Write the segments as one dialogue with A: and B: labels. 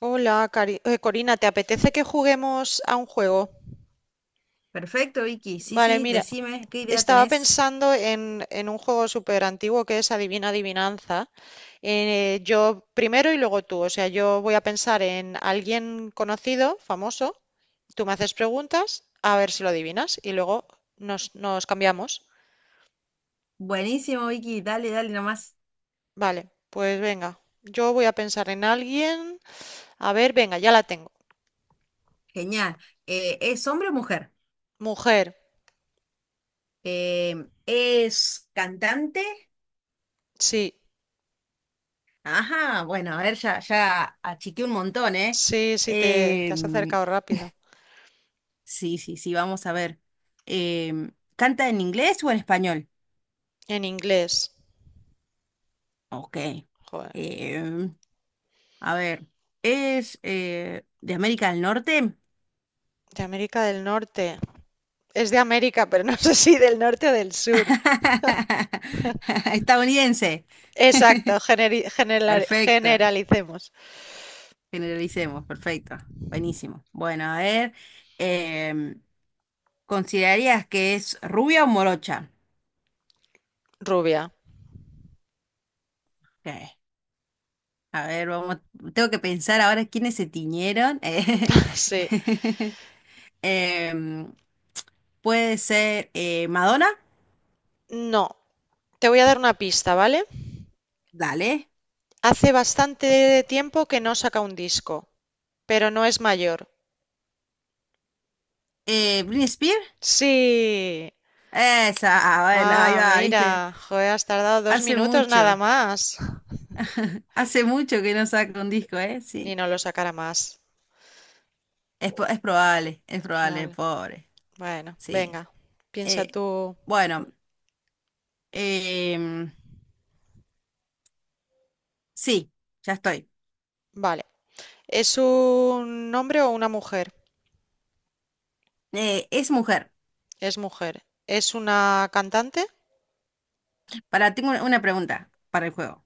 A: Hola, Corina, ¿te apetece que juguemos a un juego?
B: Perfecto, Vicky. Sí,
A: Vale,
B: sí,
A: mira,
B: decime qué idea
A: estaba
B: tenés.
A: pensando en un juego súper antiguo que es Adivina Adivinanza. Yo primero y luego tú, o sea, yo voy a pensar en alguien conocido, famoso, tú me haces preguntas, a ver si lo adivinas y luego nos cambiamos.
B: Buenísimo, Vicky. Dale, dale nomás.
A: Vale, pues venga, yo voy a pensar en alguien, a ver, venga, ya la tengo.
B: Genial. ¿Es hombre o mujer?
A: Mujer,
B: Eh, ¿Es cantante?
A: sí,
B: Ajá, bueno, a ver, ya, ya achiqué un montón, ¿eh?
A: sí, sí, te has
B: Em,
A: acercado rápido.
B: sí, sí, sí, vamos a ver. Em, ¿Canta en inglés o en español?
A: En inglés.
B: Ok.
A: Joder.
B: Em, a ver, ¿es de América del Norte?
A: De América del Norte. Es de América, pero no sé si del norte o del sur.
B: Estadounidense.
A: Exacto,
B: Perfecto.
A: generalicemos.
B: Generalicemos, perfecto. Buenísimo. Bueno, a ver, em, ¿considerarías que es rubia o morocha?
A: Rubia.
B: Ok. A ver, vamos, tengo que pensar ahora quiénes se tiñeron.
A: Sí.
B: Eh, Em, puede ser Madonna,
A: No. Te voy a dar una pista, ¿vale?
B: dale.
A: Hace bastante tiempo que no saca un disco, pero no es mayor.
B: Britney Spears,
A: Sí.
B: esa, ah, bueno, ahí
A: Ah,
B: va, viste.
A: mira. Joder, has tardado dos
B: Hace
A: minutos nada
B: mucho,
A: más.
B: hace mucho que no saca un disco, ¿eh?
A: Y
B: Sí.
A: no lo sacará más.
B: Es, po- es
A: Es
B: probable,
A: probable.
B: pobre.
A: Bueno,
B: Sí.
A: venga. Piensa
B: Eh,
A: tú.
B: bueno, em, sí, ya estoy.
A: Vale. ¿Es un hombre o una mujer?
B: Es mujer.
A: Es mujer. ¿Es una cantante?
B: Para, tengo una pregunta para el juego.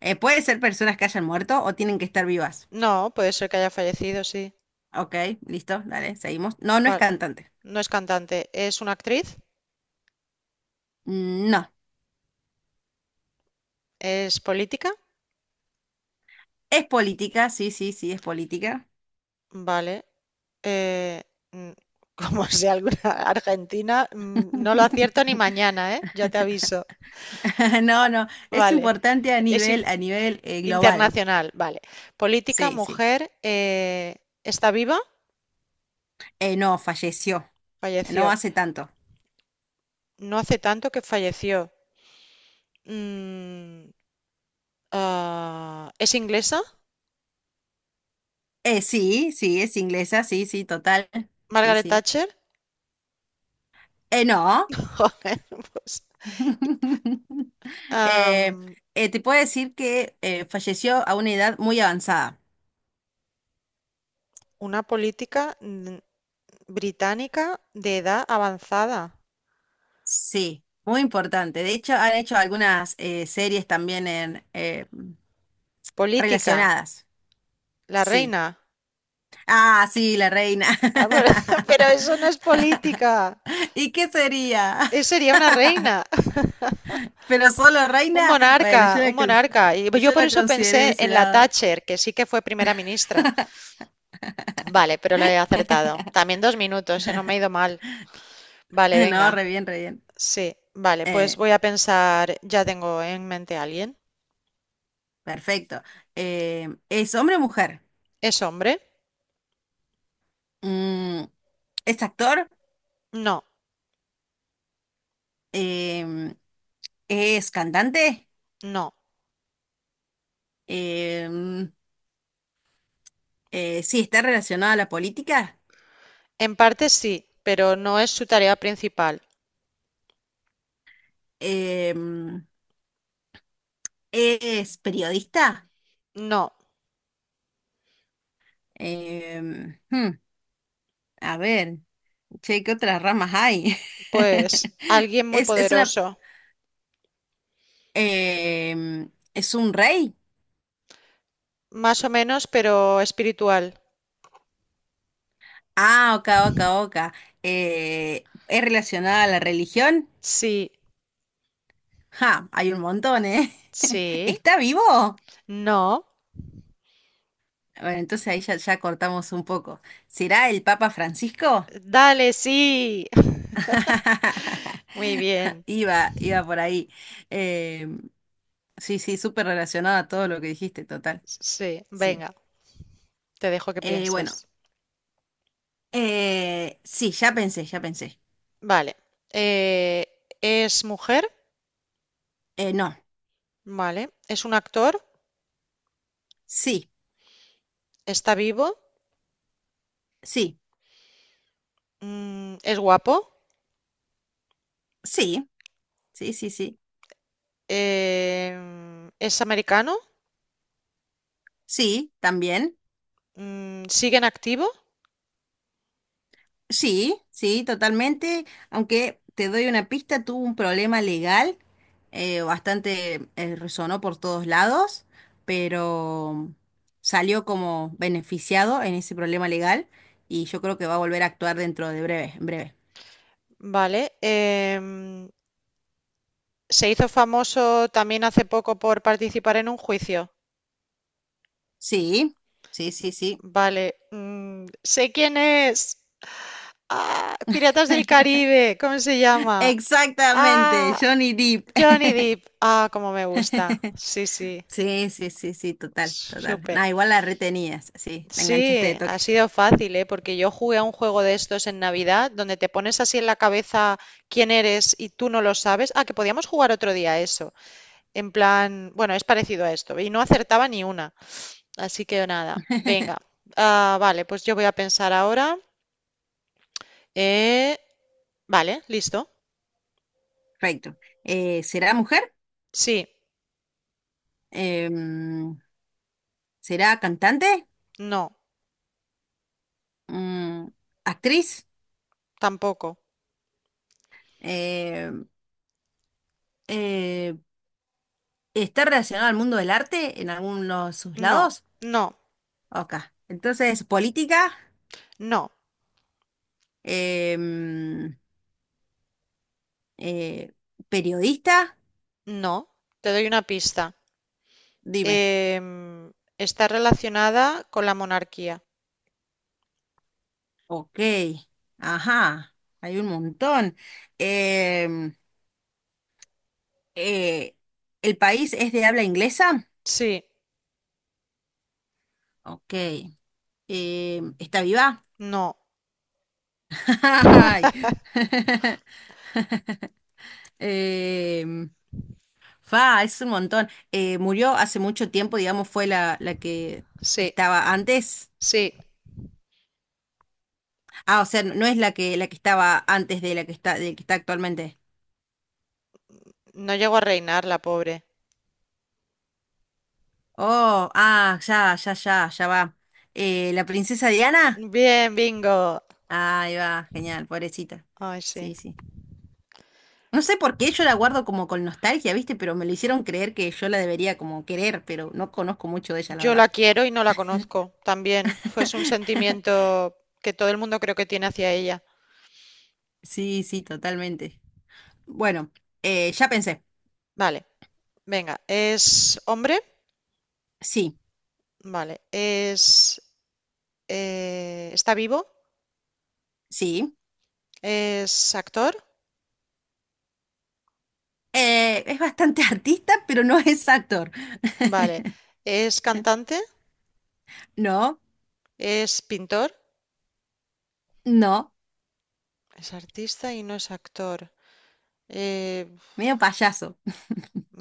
B: ¿Puede ser personas que hayan muerto o tienen que estar vivas?
A: No, puede ser que haya fallecido, sí.
B: Ok, listo, dale, seguimos. No, no es
A: Vale.
B: cantante.
A: No es cantante. ¿Es una actriz?
B: No.
A: ¿Es política?
B: Es política, sí, sí, sí, es política.
A: Vale. Eh, mm, como sea alguna argentina, no lo acierto ni mañana, ¿eh? Ya te aviso.
B: No, no, es
A: Vale.
B: importante
A: Es in-
B: a nivel global.
A: internacional. Vale. Política,
B: Sí, sí.
A: mujer. ¿Está viva?
B: No, falleció. No
A: Falleció.
B: hace tanto.
A: No hace tanto que falleció. Mm, ¿Es inglesa?
B: Sí, sí, es inglesa, sí, sí, total. Sí,
A: Margaret
B: sí.
A: Thatcher.
B: No.
A: Joder, pues,
B: Eh,
A: am,
B: te puedo decir que falleció a una edad muy avanzada.
A: una británica de edad avanzada.
B: Sí, muy importante. De hecho, han hecho algunas series también en,
A: Política,
B: relacionadas.
A: la
B: Sí.
A: reina.
B: Ah, sí, la reina.
A: Ah, pero, pero eso no es política.
B: ¿Y qué sería?
A: Eso sería una reina,
B: ¿Pero solo
A: un
B: reina? Bueno, yo
A: monarca,
B: la,
A: un
B: cons-
A: monarca. Y yo
B: yo
A: por
B: la
A: eso
B: consideré de
A: pensé
B: ese
A: en la
B: lado.
A: Thatcher, que sí que fue primera ministra. Vale, pero lo he acertado. También dos minutos, se No me ha ido mal. Vale, venga.
B: No, re bien, re bien.
A: Sí, vale, pues
B: Eh,
A: voy a pensar, ya tengo en mente a alguien.
B: perfecto. ¿Es hombre o mujer?
A: ¿Es hombre?
B: Mm, ¿es actor?
A: No,
B: em, es cantante,
A: no.
B: em, sí, está relacionado a la política,
A: En parte sí, pero no es su tarea principal.
B: em, es periodista.
A: No,
B: em, hmm, a ver, che, ¿qué otras ramas hay?
A: pues alguien muy
B: Es una,
A: poderoso.
B: em, es un rey.
A: Más o menos, pero espiritual.
B: Ah, oca, oca, oca. ¿Es relacionada a la religión?
A: Sí,
B: Ja, hay un montón, ¿eh?
A: sí,
B: ¿Está vivo?
A: no.
B: Bueno, entonces ahí ya, ya cortamos un poco. ¿Será el Papa Francisco?
A: Dale, sí. Muy bien.
B: Iba, iba por ahí. Eh, sí, sí, súper relacionado a todo lo que dijiste, total.
A: Sí,
B: Sí.
A: venga, te dejo que
B: Bueno,
A: pienses.
B: sí, ya pensé, ya pensé.
A: Vale. eh, ¿es mujer?
B: No,
A: Vale. ¿Es un actor?
B: sí,
A: ¿Está vivo?
B: sí,
A: Mm, ¿es guapo?
B: sí, sí, sí, sí.
A: ¿Es americano?
B: Sí, también.
A: Mm, ¿sigue en activo?
B: Sí, sí, totalmente. Aunque te doy una pista, tuvo un problema legal, bastante resonó por todos lados, pero salió como beneficiado en ese problema legal y yo creo que va a volver a actuar dentro de breve, en breve.
A: Vale. Se hizo famoso también hace poco por participar en un juicio.
B: Sí, sí, sí, sí.
A: Vale. Mm, sé quién es. Ah, Piratas del Caribe. ¿Cómo se llama?
B: Exactamente,
A: Ah,
B: Johnny Depp.
A: Johnny Depp. Ah, cómo me gusta. Sí, sí.
B: Sí, sí, sí, sí, total, total.
A: Súper.
B: Nah, igual la retenías, sí, la enganchaste
A: Sí,
B: de
A: ha
B: toque.
A: sido fácil, ¿eh? Porque yo jugué a un juego de estos en Navidad, donde te pones así en la cabeza quién eres y tú no lo sabes. Ah, que podíamos jugar otro día a eso. En plan, bueno, es parecido a esto. Y no acertaba ni una. Así que nada, venga. Ah, vale, pues yo voy a pensar ahora. Eh, vale, listo.
B: Perfecto. ¿Será mujer?
A: Sí,
B: Eh, ¿Será cantante?
A: no,
B: Mm, ¿actriz?
A: tampoco.
B: Eh, eh, ¿Está relacionada al mundo del arte en algunos de sus
A: No,
B: lados?
A: no,
B: Ok. Entonces, política,
A: no,
B: Em, eh, periodista,
A: no. Te doy una pista.
B: dime.
A: Em, está relacionada con la monarquía.
B: Ok. Ajá, hay un montón. Em, eh, ¿El país es de habla inglesa?
A: Sí,
B: Ok. ¿Está viva?
A: no,
B: Ay. Em, Fa, es un montón. Murió hace mucho tiempo, digamos, fue la, la que
A: sí,
B: estaba antes.
A: sí.
B: Ah, o sea, no es la que estaba antes de la que está, de la que está actualmente.
A: No llegó a reinar la pobre.
B: Oh, ah, ya, ya, ya, ya va. ¿La princesa Diana?
A: Bien, bingo.
B: Ahí va, genial, pobrecita.
A: Ay, sí.
B: Sí, sí. No sé por qué yo la guardo como con nostalgia, ¿viste? Pero me lo hicieron creer que yo la debería como querer, pero no conozco mucho de ella, la
A: Yo
B: verdad.
A: la quiero y no la conozco. También fue un sentimiento que todo el mundo creo que tiene hacia ella.
B: Sí, sí, totalmente. Bueno, ya pensé.
A: Vale. Venga, ¿es hombre?
B: Sí,
A: Vale. ¿Es, está vivo?
B: sí.
A: ¿Es actor?
B: Es bastante artista, pero no es actor.
A: Vale. ¿Es cantante?
B: No,
A: ¿Es pintor?
B: no,
A: Es artista y no es actor. Eh,
B: medio payaso.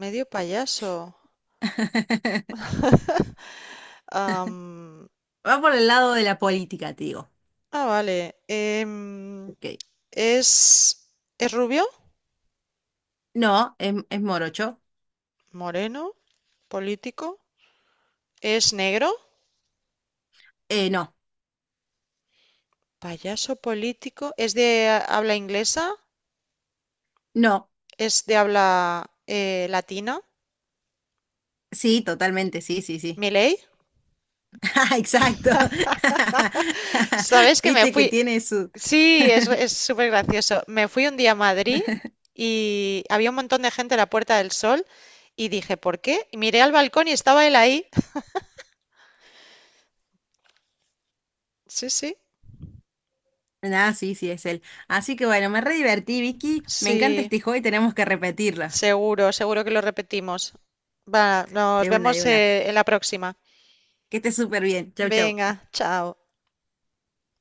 A: medio payaso. Am,
B: Va por el lado de la política, te digo.
A: vale.
B: Ok.
A: ¿Es, ¿es rubio?
B: No, es morocho.
A: ¿Moreno? ¿Político? ¿Es negro?
B: No,
A: ¿Payaso político? ¿Es de habla inglesa?
B: no.
A: ¿Es de habla latina?
B: Sí, totalmente, sí, sí, sí.
A: ¿Miley?
B: Exacto.
A: ¿Sabes que me
B: Viste que
A: fui?
B: tiene su...
A: Sí, es súper gracioso. Me fui un día a Madrid y había un montón de gente en la Puerta del Sol y dije, ¿por qué? Y miré al balcón y estaba él ahí. Sí, sí,
B: Ah, sí, sí, es él. Así que bueno, me re divertí, Vicky. Me encanta
A: sí,
B: este juego y tenemos que repetirlo.
A: seguro, seguro que lo repetimos. Va, nos
B: De una,
A: vemos
B: de una.
A: en la próxima.
B: Que estés súper bien. Chau, chau.
A: Venga, chao.